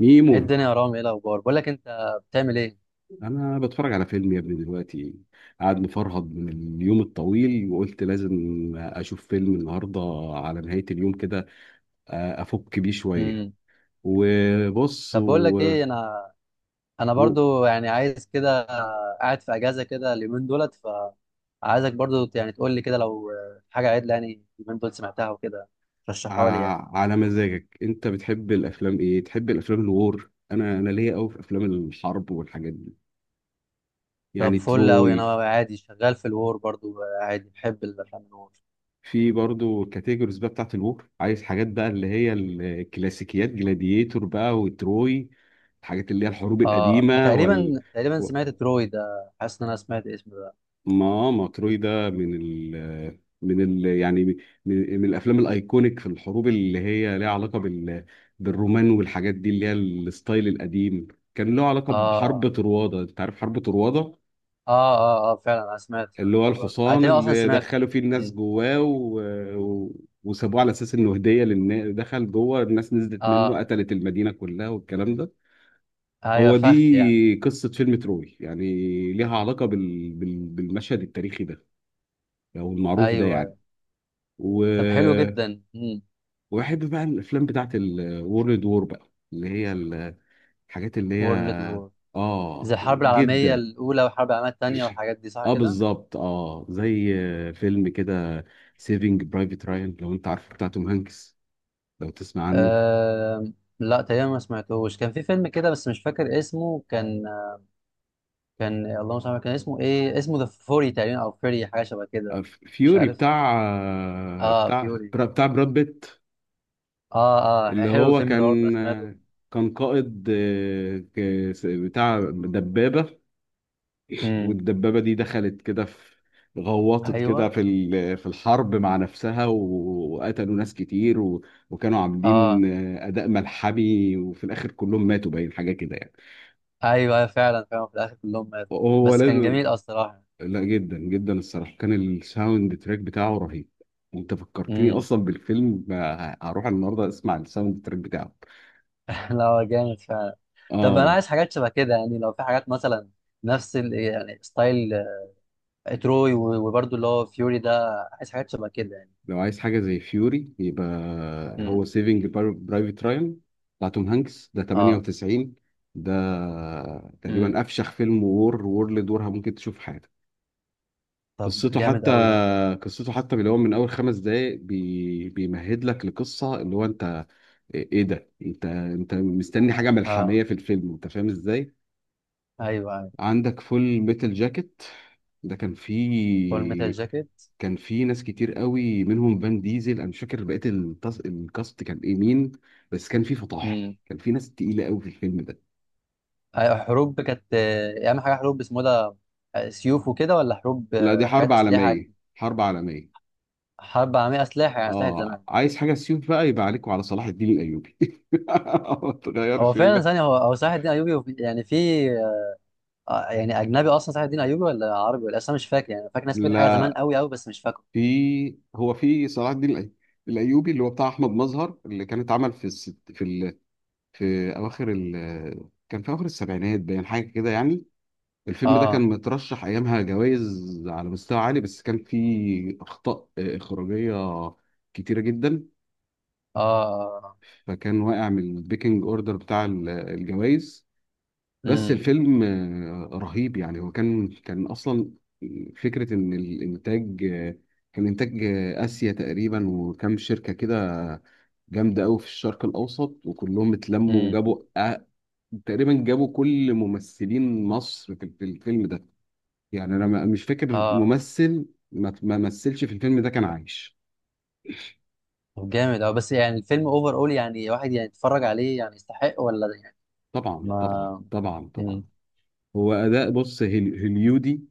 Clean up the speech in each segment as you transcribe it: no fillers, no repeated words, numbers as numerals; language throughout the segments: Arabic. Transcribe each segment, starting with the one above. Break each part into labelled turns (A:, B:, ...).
A: ميمو،
B: ايه الدنيا يا رامي؟ ايه الاخبار؟ بقول لك، انت بتعمل ايه؟
A: انا بتفرج على فيلم يا ابني دلوقتي. قاعد مفرهد من اليوم الطويل، وقلت لازم اشوف فيلم النهارده على نهاية اليوم كده. افك بيه شوية
B: امم.
A: وبص
B: طب، بقول لك ايه. انا
A: و...
B: برضو يعني عايز كده. قاعد في اجازه كده اليومين دولت. فعايزك برضو يعني تقول لي كده لو حاجه عدله يعني اليومين دول سمعتها وكده، رشحها لي يعني.
A: على مزاجك، انت بتحب الافلام ايه؟ تحب الافلام الوور؟ انا ليا قوي في افلام الحرب والحاجات دي،
B: طب
A: يعني
B: فل قوي،
A: تروي.
B: انا عادي شغال في الور برضو. عادي بحب الافلام الور.
A: في برضو كاتيجوريز بقى بتاعت الوور، عايز حاجات بقى اللي هي الكلاسيكيات، جلاديتور بقى، وتروي، الحاجات اللي هي الحروب
B: اه،
A: القديمة وال
B: تقريبا
A: و-
B: سمعت تروي ده. حاسس ان انا سمعت اسمه ده.
A: ما تروي ده من ال يعني من الافلام الايكونيك في الحروب، اللي هي ليها علاقة بالرومان والحاجات دي، اللي هي الستايل القديم. كان له علاقة
B: اه،
A: بحرب
B: اه،
A: طروادة، انت عارف حرب طروادة؟
B: اه، اه, آه فعلا انا سمعت
A: اللي
B: سمعت
A: هو
B: الموضوع ده. انا
A: الحصان
B: تقريبا اصلا
A: اللي
B: سمعت.
A: دخلوا فيه الناس
B: مم.
A: جواه و... وسابوه على اساس انه هديه للناس، دخل جوه، الناس نزلت منه،
B: اه،
A: قتلت المدينه كلها والكلام ده.
B: ايوه،
A: هو
B: فخ.
A: دي قصه فيلم تروي يعني، ليها علاقه بالمشهد التاريخي ده او المعروف ده
B: ايوه،
A: يعني.
B: ايوه،
A: و...
B: طب حلو جدا. امم.
A: وبحب بقى الافلام بتاعت الورلد وور بقى، اللي هي الحاجات اللي هي
B: وورلد وور؟ زي
A: اه،
B: الحرب العالميه
A: جدا.
B: الاولى والحرب العالميه الثانيه والحاجات دي، صح
A: اه
B: كده؟
A: بالظبط، اه زي فيلم كده سيفينج برايفت رايان، لو انت عارفه، بتاع توم هانكس، لو تسمع عنه.
B: أه... لا، تقريبا ما سمعتهوش. كان في فيلم كده بس مش فاكر اسمه. كان اللهم صل على النبي، كان اسمه ايه، اسمه ذا فوري تقريبا او فيري، حاجه شبه كده. مش
A: فيوري،
B: عارف.
A: بتاع
B: اه
A: بتاع
B: فيوري.
A: بتاع براد بيت،
B: اه، اه،
A: اللي
B: حلو
A: هو
B: الفيلم ده برضه أنا
A: كان
B: سمعته.
A: كان قائد بتاع دبابة،
B: امم.
A: والدبابة دي دخلت كده في، غوطت كده
B: ايوه.
A: في في الحرب مع نفسها و وقتلوا ناس كتير و وكانوا عاملين
B: اه.
A: أداء ملحمي، وفي الآخر كلهم ماتوا، باين حاجة كده يعني.
B: ايوه أيوة، فعلا فعلا في الاخر كلهم ماتوا.
A: هو
B: بس كان
A: لازم.
B: جميل، اه، الصراحه.
A: لا جدا جدا، الصراحه كان الساوند تراك بتاعه رهيب، وانت فكرتني
B: مم.
A: اصلا بالفيلم. هروح النهارده اسمع الساوند تراك بتاعه.
B: لا، هو جامد فعلا. طب انا
A: اه.
B: عايز حاجات شبه كده يعني، لو في حاجات مثلا نفس يعني ستايل تروي وبرضه اللي هو فيوري ده، عايز حاجات شبه كده يعني.
A: لو عايز حاجه زي فيوري، يبقى
B: امم.
A: هو سيفنج برايفت رايان بتاع توم هانكس ده،
B: اه.
A: 98 ده تقريبا
B: امم.
A: افشخ فيلم وور وورلد وور ممكن تشوف في حياتك.
B: طب
A: قصته
B: جامد
A: حتى
B: قوي ده.
A: قصته حتى اللي هو من اول خمس دقايق بيمهد لك لقصه اللي هو انت إيه ده. انت انت مستني حاجه
B: اه،
A: ملحميه في الفيلم، انت فاهم ازاي؟
B: ايوه، ايوه.
A: عندك فول ميتال جاكيت، ده كان
B: فول ميتال
A: فيه،
B: جاكيت.
A: كان فيه ناس كتير قوي منهم فان ديزل. انا مش فاكر بقيه الكاست كان ايه، مين. بس كان فيه فطاحل،
B: امم.
A: كان فيه ناس تقيله قوي في الفيلم ده.
B: ايوه، حروب كانت، اهم حاجه حروب اسمه ده. سيوف وكده ولا حروب
A: لا دي
B: حاجات
A: حرب
B: اسلحه
A: عالميه،
B: جديدة؟
A: حرب عالميه.
B: حرب عالميه، اسلحه، يعني اسلحه
A: اه
B: زمان.
A: عايز حاجه سيوف بقى، يبقى عليكم على صلاح الدين الايوبي. ما
B: هو
A: تغيرش.
B: فعلا
A: لا
B: ثانيه، هو صلاح الدين ايوبي يعني في. يعني اجنبي اصلا صلاح الدين ايوبي ولا عربي؟ ولا اصلا مش فاكر يعني. أنا فاكر ناس سمعت حاجه زمان قوي قوي بس مش فاكره.
A: في، هو في صلاح الدين الايوبي اللي هو بتاع احمد مظهر، اللي كان اتعمل في الست في في اواخر كان في اواخر السبعينات، باين حاجه كده يعني. الفيلم ده كان
B: اه،
A: مترشح ايامها جوائز على مستوى عالي، بس كان فيه اخطاء اخراجيه كتيره جدا،
B: اه.
A: فكان واقع من البيكنج اوردر بتاع الجوائز. بس
B: امم.
A: الفيلم رهيب يعني. هو كان اصلا فكره ان الانتاج كان انتاج اسيا تقريبا، وكام شركه كده جامده قوي في الشرق الاوسط، وكلهم اتلموا
B: امم.
A: وجابوا تقريبا جابوا كل ممثلين مصر في في الفيلم ده. يعني انا مش فاكر
B: اه.
A: ممثل ما مثلش في الفيلم ده كان عايش.
B: طب جامد، اه. بس يعني الفيلم اوفر اول يعني، واحد يعني يتفرج عليه يعني، يستحق ولا ده يعني؟
A: طبعا، طبعا،
B: ما.
A: طبعا،
B: امم.
A: طبعا. هو اداء بص هوليودي،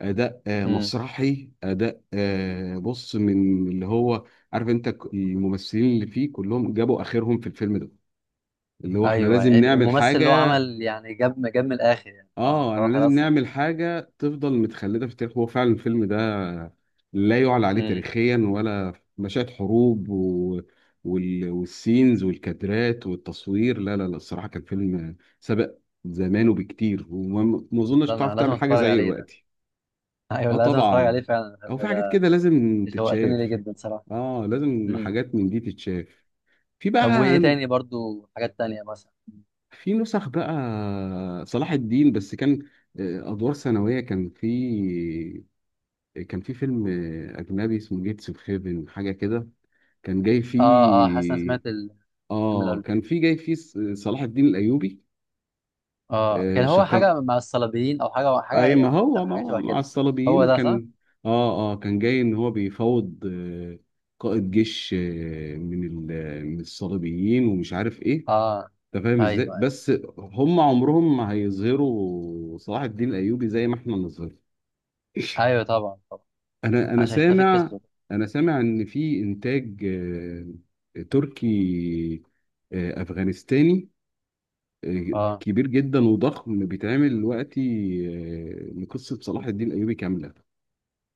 A: اداء
B: امم.
A: مسرحي، اداء بص من اللي هو عارف، انت الممثلين اللي فيه كلهم جابوا اخرهم في الفيلم ده، اللي هو احنا
B: ايوه،
A: لازم
B: يعني
A: نعمل
B: الممثل اللي هو
A: حاجه.
B: عمل يعني جاب من الاخر يعني، اه، اللي
A: اه انا
B: هو
A: لازم
B: خلاص
A: نعمل
B: يعني.
A: حاجه تفضل متخلده في التاريخ. هو فعلا الفيلم ده لا يعلى عليه
B: امم.
A: تاريخيا، ولا مشاهد حروب والسينز والكادرات والتصوير، لا لا لا، الصراحه كان فيلم سبق زمانه بكتير، وما ما اظنش
B: لا،
A: تعرف
B: انا لازم
A: تعمل حاجه
B: اتفرج
A: زيه
B: عليه ده.
A: دلوقتي.
B: ايوه،
A: اه
B: لازم اتفرج عليه
A: طبعا،
B: فعلا الفيلم
A: او في حاجات
B: ده.
A: كده لازم
B: شوقتني ليه
A: تتشاف.
B: جدا صراحه.
A: اه لازم
B: امم.
A: حاجات من دي تتشاف. في
B: طب وايه
A: بقى،
B: تاني برضو؟ حاجات تانية مثلا؟
A: في نسخ بقى صلاح الدين، بس كان ادوار ثانويه، كان في، كان في فيلم اجنبي اسمه جيتس اوف هيفن، حاجه كده، كان جاي
B: اه، اه، حاسس إن أنا
A: فيه.
B: سمعت الفيلم ده
A: اه
B: قبل
A: كان
B: كده.
A: في جاي فيه صلاح الدين الايوبي.
B: اه، كان
A: آه،
B: هو
A: شك-
B: حاجه مع الصليبيين او حاجه
A: اي ما
B: يعني
A: هو ما
B: حاجه
A: هو
B: شبه
A: مع
B: كده. هو
A: الصليبيين
B: ده صح؟
A: كان. اه اه، كان جاي ان هو بيفاوض قائد جيش من من الصليبيين، ومش عارف ايه،
B: اه،
A: انت فاهم ازاي.
B: ايوه، ايوه.
A: بس هم عمرهم ما هيظهروا صلاح الدين الايوبي زي ما احنا نظهر.
B: ايوه، طبعا، طبعا.
A: انا
B: عشان يختفي
A: سامع،
B: القصه.
A: انا سامع ان في انتاج تركي، افغانستاني، آه،
B: اه،
A: كبير جدا وضخم بيتعمل دلوقتي، لقصة صلاح الدين الايوبي كاملة.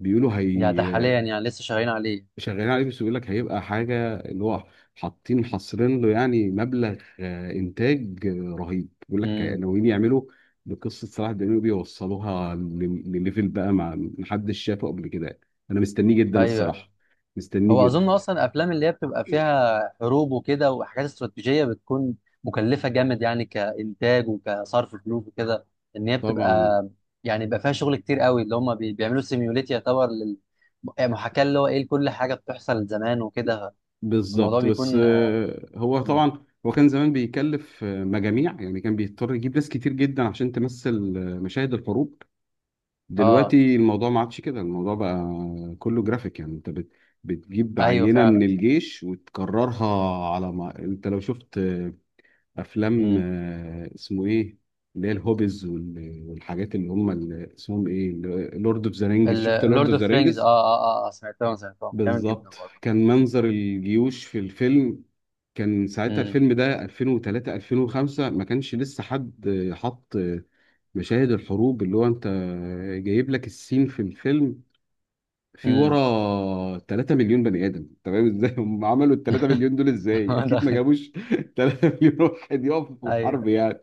A: بيقولوا
B: يعني ده
A: هي
B: حاليا يعني لسه شغالين عليه؟
A: شغالين عليه، بس بيقول لك هيبقى حاجه اللي هو حاطين حاصرين له يعني مبلغ انتاج رهيب، بيقول لك
B: امم.
A: ناويين يعملوا بقصه صلاح الدين بيوصلوها لليفل بقى ما محدش شافه قبل كده يعني. انا مستنيه جدا
B: ايوه.
A: الصراحه، مستنيه
B: هو
A: جدا.
B: اظن اصلا افلام اللي هي بتبقى فيها حروب وكده وحاجات استراتيجيه بتكون مكلفه جامد يعني، كانتاج وكصرف فلوس وكده. ان هي بتبقى،
A: طبعا.
B: يعني بيبقى فيها شغل كتير قوي اللي هم بيعملوا سيميوليت يعتبر لل يعني محاكاه اللي هو ايه لكل حاجه بتحصل زمان وكده. الموضوع
A: بالظبط، بس
B: بيكون، اه.
A: هو طبعا هو كان زمان بيكلف مجاميع يعني، كان بيضطر يجيب ناس كتير جدا عشان تمثل مشاهد الحروب.
B: آه،
A: دلوقتي الموضوع ما عادش كده، الموضوع بقى كله جرافيك يعني، انت بتجيب
B: ايوه
A: عينة من
B: فعلا.
A: الجيش وتكررها. على ما انت، لو شفت افلام
B: امم.
A: اسمه ايه، اللي هي الهوبز والحاجات اللي هم اللي اسمهم ايه، لورد اوف ذا رينجز. شفت لورد
B: اللورد
A: اوف ذا
B: اوف رينجز، اه،
A: رينجز؟
B: اه، اه، آه، سمعتهم جامد جدا
A: بالظبط.
B: برضه.
A: كان منظر الجيوش في الفيلم، كان ساعتها
B: امم.
A: الفيلم ده 2003 2005، ما كانش لسه حد حط مشاهد الحروب اللي هو انت جايب لك السين في الفيلم في
B: امم.
A: ورا 3 مليون بني ادم، تمام؟ ازاي هم عملوا ال 3 مليون دول؟ ازاي؟ اكيد ما جابوش 3 مليون واحد يقفوا في الحرب
B: ايوه،
A: يعني.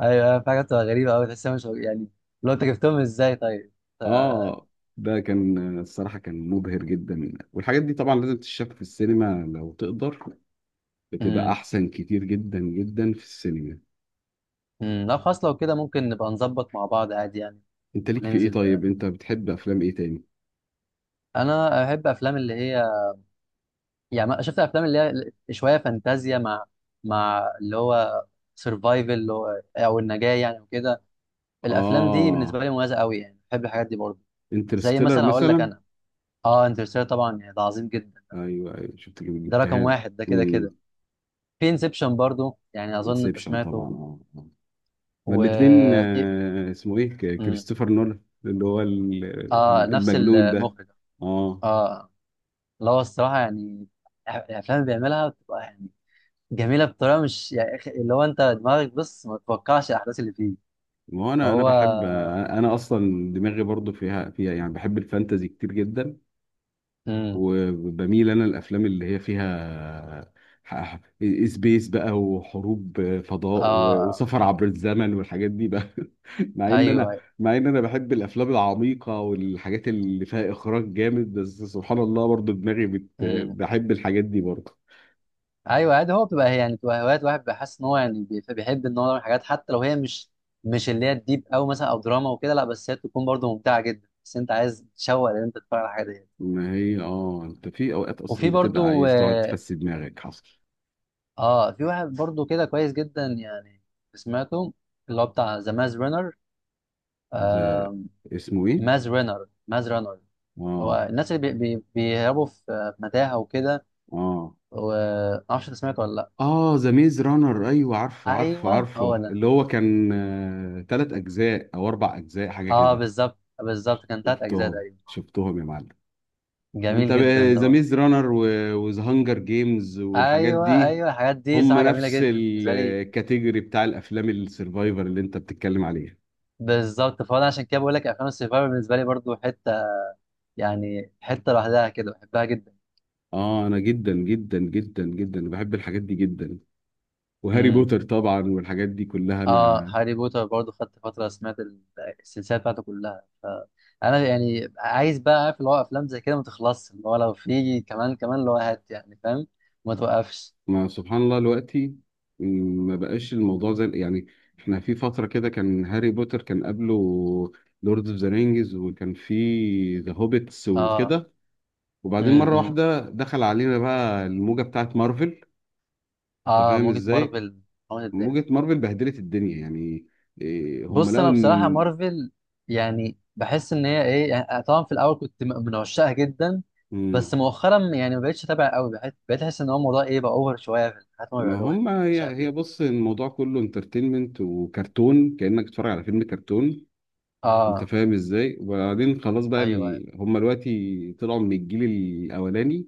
B: ايوه أيوة، في حاجات بتبقى غريبه قوي تحسها مش يعني. لو انت جبتهم ازاي طيب؟ ف...
A: اه ده كان الصراحه كان مبهر جدا، والحاجات دي طبعا لازم تتشاف في السينما لو تقدر، بتبقى
B: امم.
A: احسن كتير جدا جدا في السينما.
B: مم، لا خلاص لو كده ممكن نبقى نظبط مع بعض عادي يعني.
A: انت ليك في ايه
B: وننزل
A: طيب؟
B: ده.
A: انت بتحب افلام ايه تاني؟
B: انا احب افلام اللي هي، يعني شفت افلام اللي هي شويه فانتازيا، مع اللي هو سرفايفل اللي هو او النجاه يعني وكده. الافلام دي بالنسبه
A: اه
B: لي مميزه قوي يعني، بحب الحاجات دي برضه. زي
A: انترستيلر
B: مثلا اقول لك
A: مثلا.
B: انا. اه، انترستيلر طبعا يعني ده عظيم جدا.
A: ايوه ايوه شفت
B: ده رقم
A: جبتها لي.
B: واحد ده كده
A: امم.
B: كده. في انسبشن برضه يعني، اظن انت
A: انسبشن طبعا،
B: سمعته.
A: اه ما الاتنين
B: وفي.
A: اسمه ايه كريستوفر نولان، اللي هو
B: اه، نفس
A: المجنون ده.
B: المخرج.
A: اه.
B: اه، اللي هو الصراحه يعني، الافلام اللي بيعملها بتبقى يعني جميله بطريقه مش يعني اللي هو انت دماغك بص ما تتوقعش الاحداث اللي فيه.
A: ما هو انا
B: فهو.
A: بحب، انا اصلا دماغي برضو فيها يعني، بحب الفانتازي كتير جدا،
B: امم.
A: وبميل انا الافلام اللي هي فيها ح- سبيس بقى وحروب فضاء
B: اه.
A: وسفر عبر الزمن والحاجات دي بقى. مع ان
B: ايوه.
A: انا، مع ان انا بحب الافلام العميقه والحاجات اللي فيها اخراج جامد، بس سبحان الله برضو دماغي
B: امم.
A: بحب الحاجات دي برضو.
B: ايوه، عادي. هو بتبقى يعني بتبقى هوايات، واحد بيحس ان هو يعني بيحب ان هو يعمل حاجات، حتى لو هي مش اللي هي الديب قوي مثلا او دراما وكده. لا بس هي تكون برضه ممتعه جدا، بس انت عايز تشوق ان انت تتفرج على الحاجه دي.
A: ما هي اه، انت في اوقات اصلا
B: وفي
A: بتبقى
B: برضه
A: عايز تقعد تفسي دماغك. حصل.
B: اه، في واحد برضو كده كويس جدا يعني، سمعته. اللي هو بتاع ذا ماز رانر.
A: ذا
B: آه.
A: اسمه ايه؟
B: ماز رانر. ماز رانر.
A: اه
B: هو الناس اللي بي بي بيهربوا في متاهة وكده.
A: اه
B: ومعرفش انت سمعته ولا لا.
A: اه، ذا ميز رانر، ايوه عارفه عارفه
B: ايوه،
A: عارفه،
B: هو ده.
A: اللي هو كان آه تلات اجزاء او اربع اجزاء حاجه
B: اه
A: كده.
B: بالظبط بالظبط، كان تلات اجزاء
A: شفتهم
B: تقريبا.
A: شفتهم يا معلم. ما انت،
B: جميل جدا ده
A: ذا
B: برضه.
A: ميز رانر وذا هانجر جيمز والحاجات
B: ايوه،
A: دي،
B: ايوه، الحاجات دي
A: هم
B: صراحة جميلة
A: نفس
B: جدا بالنسبة لي.
A: الكاتيجوري بتاع الافلام السرفايفر اللي انت بتتكلم عليها.
B: بالظبط، فانا عشان كده بقول لك افلام السيفايفر بالنسبة لي برضو حتة، يعني حتة لوحدها كده بحبها.
A: اه انا جدا جدا جدا جدا بحب الحاجات دي جدا. وهاري
B: جدا.
A: بوتر طبعا والحاجات دي كلها
B: اه،
A: انا.
B: هاري بوتر برضه خدت فترة، سمعت السلسلة بتاعته كلها، فأنا يعني عايز بقى عارف اللي هو، أفلام زي كده ما تخلصش، اللي هو لو في كمان كمان اللي هو هات، يعني فاهم. ما توقفش.
A: ما سبحان الله دلوقتي، م، ما بقاش الموضوع زي يعني، احنا في فترة كده كان هاري بوتر، كان قبله لورد اوف ذا رينجز، وكان في ذا هوبيتس
B: اه.
A: وكده، وبعدين مرة
B: امم.
A: واحدة دخل علينا بقى الموجة بتاعت مارفل. انت
B: اه،
A: فاهم
B: موجة
A: ازاي؟
B: مارفل. موجة الدنيا.
A: موجة مارفل بهدلت الدنيا يعني. إيه، هم
B: بص،
A: لقوا
B: أنا بصراحة
A: ان
B: مارفل يعني بحس إن هي إيه يعني، طبعا في الأول كنت من عشاقها جدا.
A: م،
B: بس مؤخرا يعني ما بقتش أتابع قوي، بقيت أحس إن هو الموضوع إيه، بقى أوفر شوية في الحاجات اللي هم
A: ما
B: بيعملوها.
A: هم
B: مش
A: هي
B: عارف
A: هي
B: ليه.
A: بص، الموضوع كله انترتينمنت وكرتون، كأنك بتتفرج على فيلم كرتون. انت
B: اه.
A: فاهم ازاي؟ وبعدين خلاص بقى
B: أيوه.
A: هم دلوقتي طلعوا من الجيل الاولاني،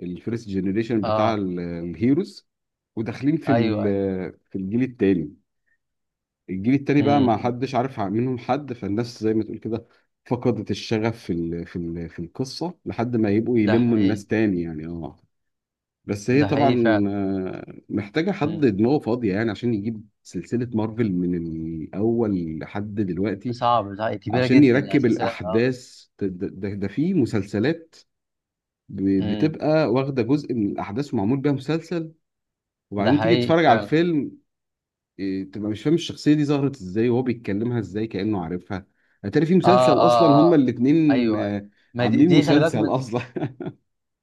A: الفيرست جنريشن بتاع
B: اه.
A: الهيروز، وداخلين في
B: أيوه.
A: في الجيل التاني. الجيل التاني بقى ما
B: امم.
A: حدش عارف منهم حد، فالناس زي ما تقول كده فقدت الشغف في في القصة، لحد ما يبقوا
B: ده
A: يلموا
B: حقيقي.
A: الناس تاني يعني، اه. بس هي
B: ده حقيقي
A: طبعا
B: فعلا.
A: محتاجة حد
B: مم.
A: دماغه فاضية يعني عشان يجيب سلسلة مارفل من الأول لحد دلوقتي،
B: صعب، ده حقيقي. كبيرة
A: عشان
B: جدا يعني
A: يركب
B: سلسلة، اه.
A: الاحداث ده في مسلسلات،
B: مم.
A: بتبقى واخده جزء من الاحداث ومعمول بيها مسلسل،
B: ده
A: وبعدين تيجي
B: حقيقي
A: تتفرج على
B: فعلا.
A: الفيلم، تبقى مش فاهم الشخصيه دي ظهرت ازاي، وهو بيتكلمها ازاي كانه عارفها. هتلاقي في
B: اه،
A: مسلسل اصلا
B: اه،
A: هما
B: اه،
A: الاتنين
B: ايوه، ايوه. ما دي,
A: عاملين
B: دي خلي بالك
A: مسلسل
B: من.
A: اصلا.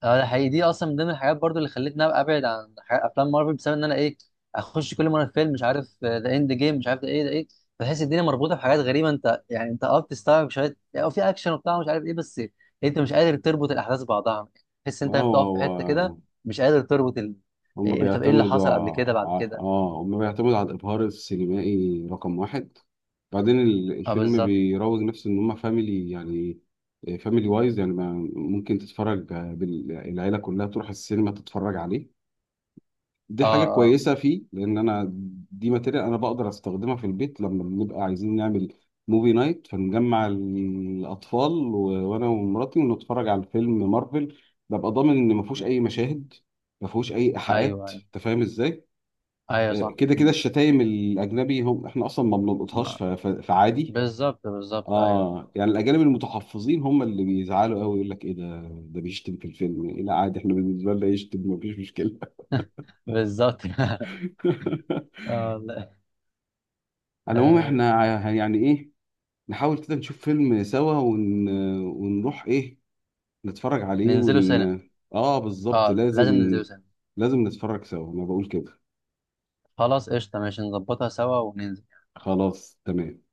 B: اه، ده حقيقي. دي اصلا من ضمن الحاجات برضو اللي خلتني ابقى ابعد عن افلام مارفل، بسبب ان انا ايه، اخش كل مره فيلم مش عارف ذا اند جيم مش عارف ده ايه ده ايه. بحس الدنيا مربوطه بحاجات غريبه، انت يعني انت اه بتستوعب شويه، او في اكشن وبتاع مش عارف ايه، بس انت مش قادر تربط الاحداث ببعضها. تحس انت
A: ما هو
B: بتقف في حته كده
A: هو
B: مش قادر تربط إيه،
A: هم
B: إيه، طب ايه اللي
A: بيعتمدوا
B: حصل قبل كده بعد كده.
A: اه، هم بيعتمدوا على الإبهار السينمائي رقم واحد. بعدين
B: اه
A: الفيلم
B: بالظبط.
A: بيروج نفسه إن هم فاميلي يعني، فاميلي وايز يعني، ممكن تتفرج بال العيلة كلها تروح السينما تتفرج عليه. دي
B: اه،
A: حاجة
B: اه،
A: كويسة فيه، لأن أنا، دي ماتيريال أنا بقدر أستخدمها في البيت لما بنبقى عايزين نعمل موفي نايت، فنجمع الأطفال و وأنا ومراتي ونتفرج على فيلم مارفل، ببقى ضامن إن ما فيهوش
B: م.
A: أي مشاهد، ما فيهوش أي
B: ايوه،
A: إيحاءات،
B: ايوه،
A: أنت فاهم إزاي؟
B: ايوه، صح،
A: كده كده
B: م.
A: الشتايم الأجنبي هم إحنا أصلا ما بنلقطهاش
B: م.
A: فعادي.
B: بالظبط بالظبط، ايوه.
A: آه يعني الأجانب المتحفظين هم اللي بيزعلوا قوي، يقول لك إيه ده، ده بيشتم في الفيلم، إيه لا عادي إحنا بالنسبة لنا يشتم مفيش مشكلة.
B: بالظبط اه، لا.
A: على العموم
B: آه.
A: احنا يعني ايه، نحاول كده نشوف فيلم سوا ونروح ايه، نتفرج عليه
B: ننزلوا
A: ون،
B: سنة.
A: اه بالظبط
B: اه،
A: لازم،
B: لازم ندوسن.
A: لازم نتفرج سوا انا بقول كده.
B: خلاص، قشطة، ماشي، نظبطها سوا وننزل.
A: خلاص تمام.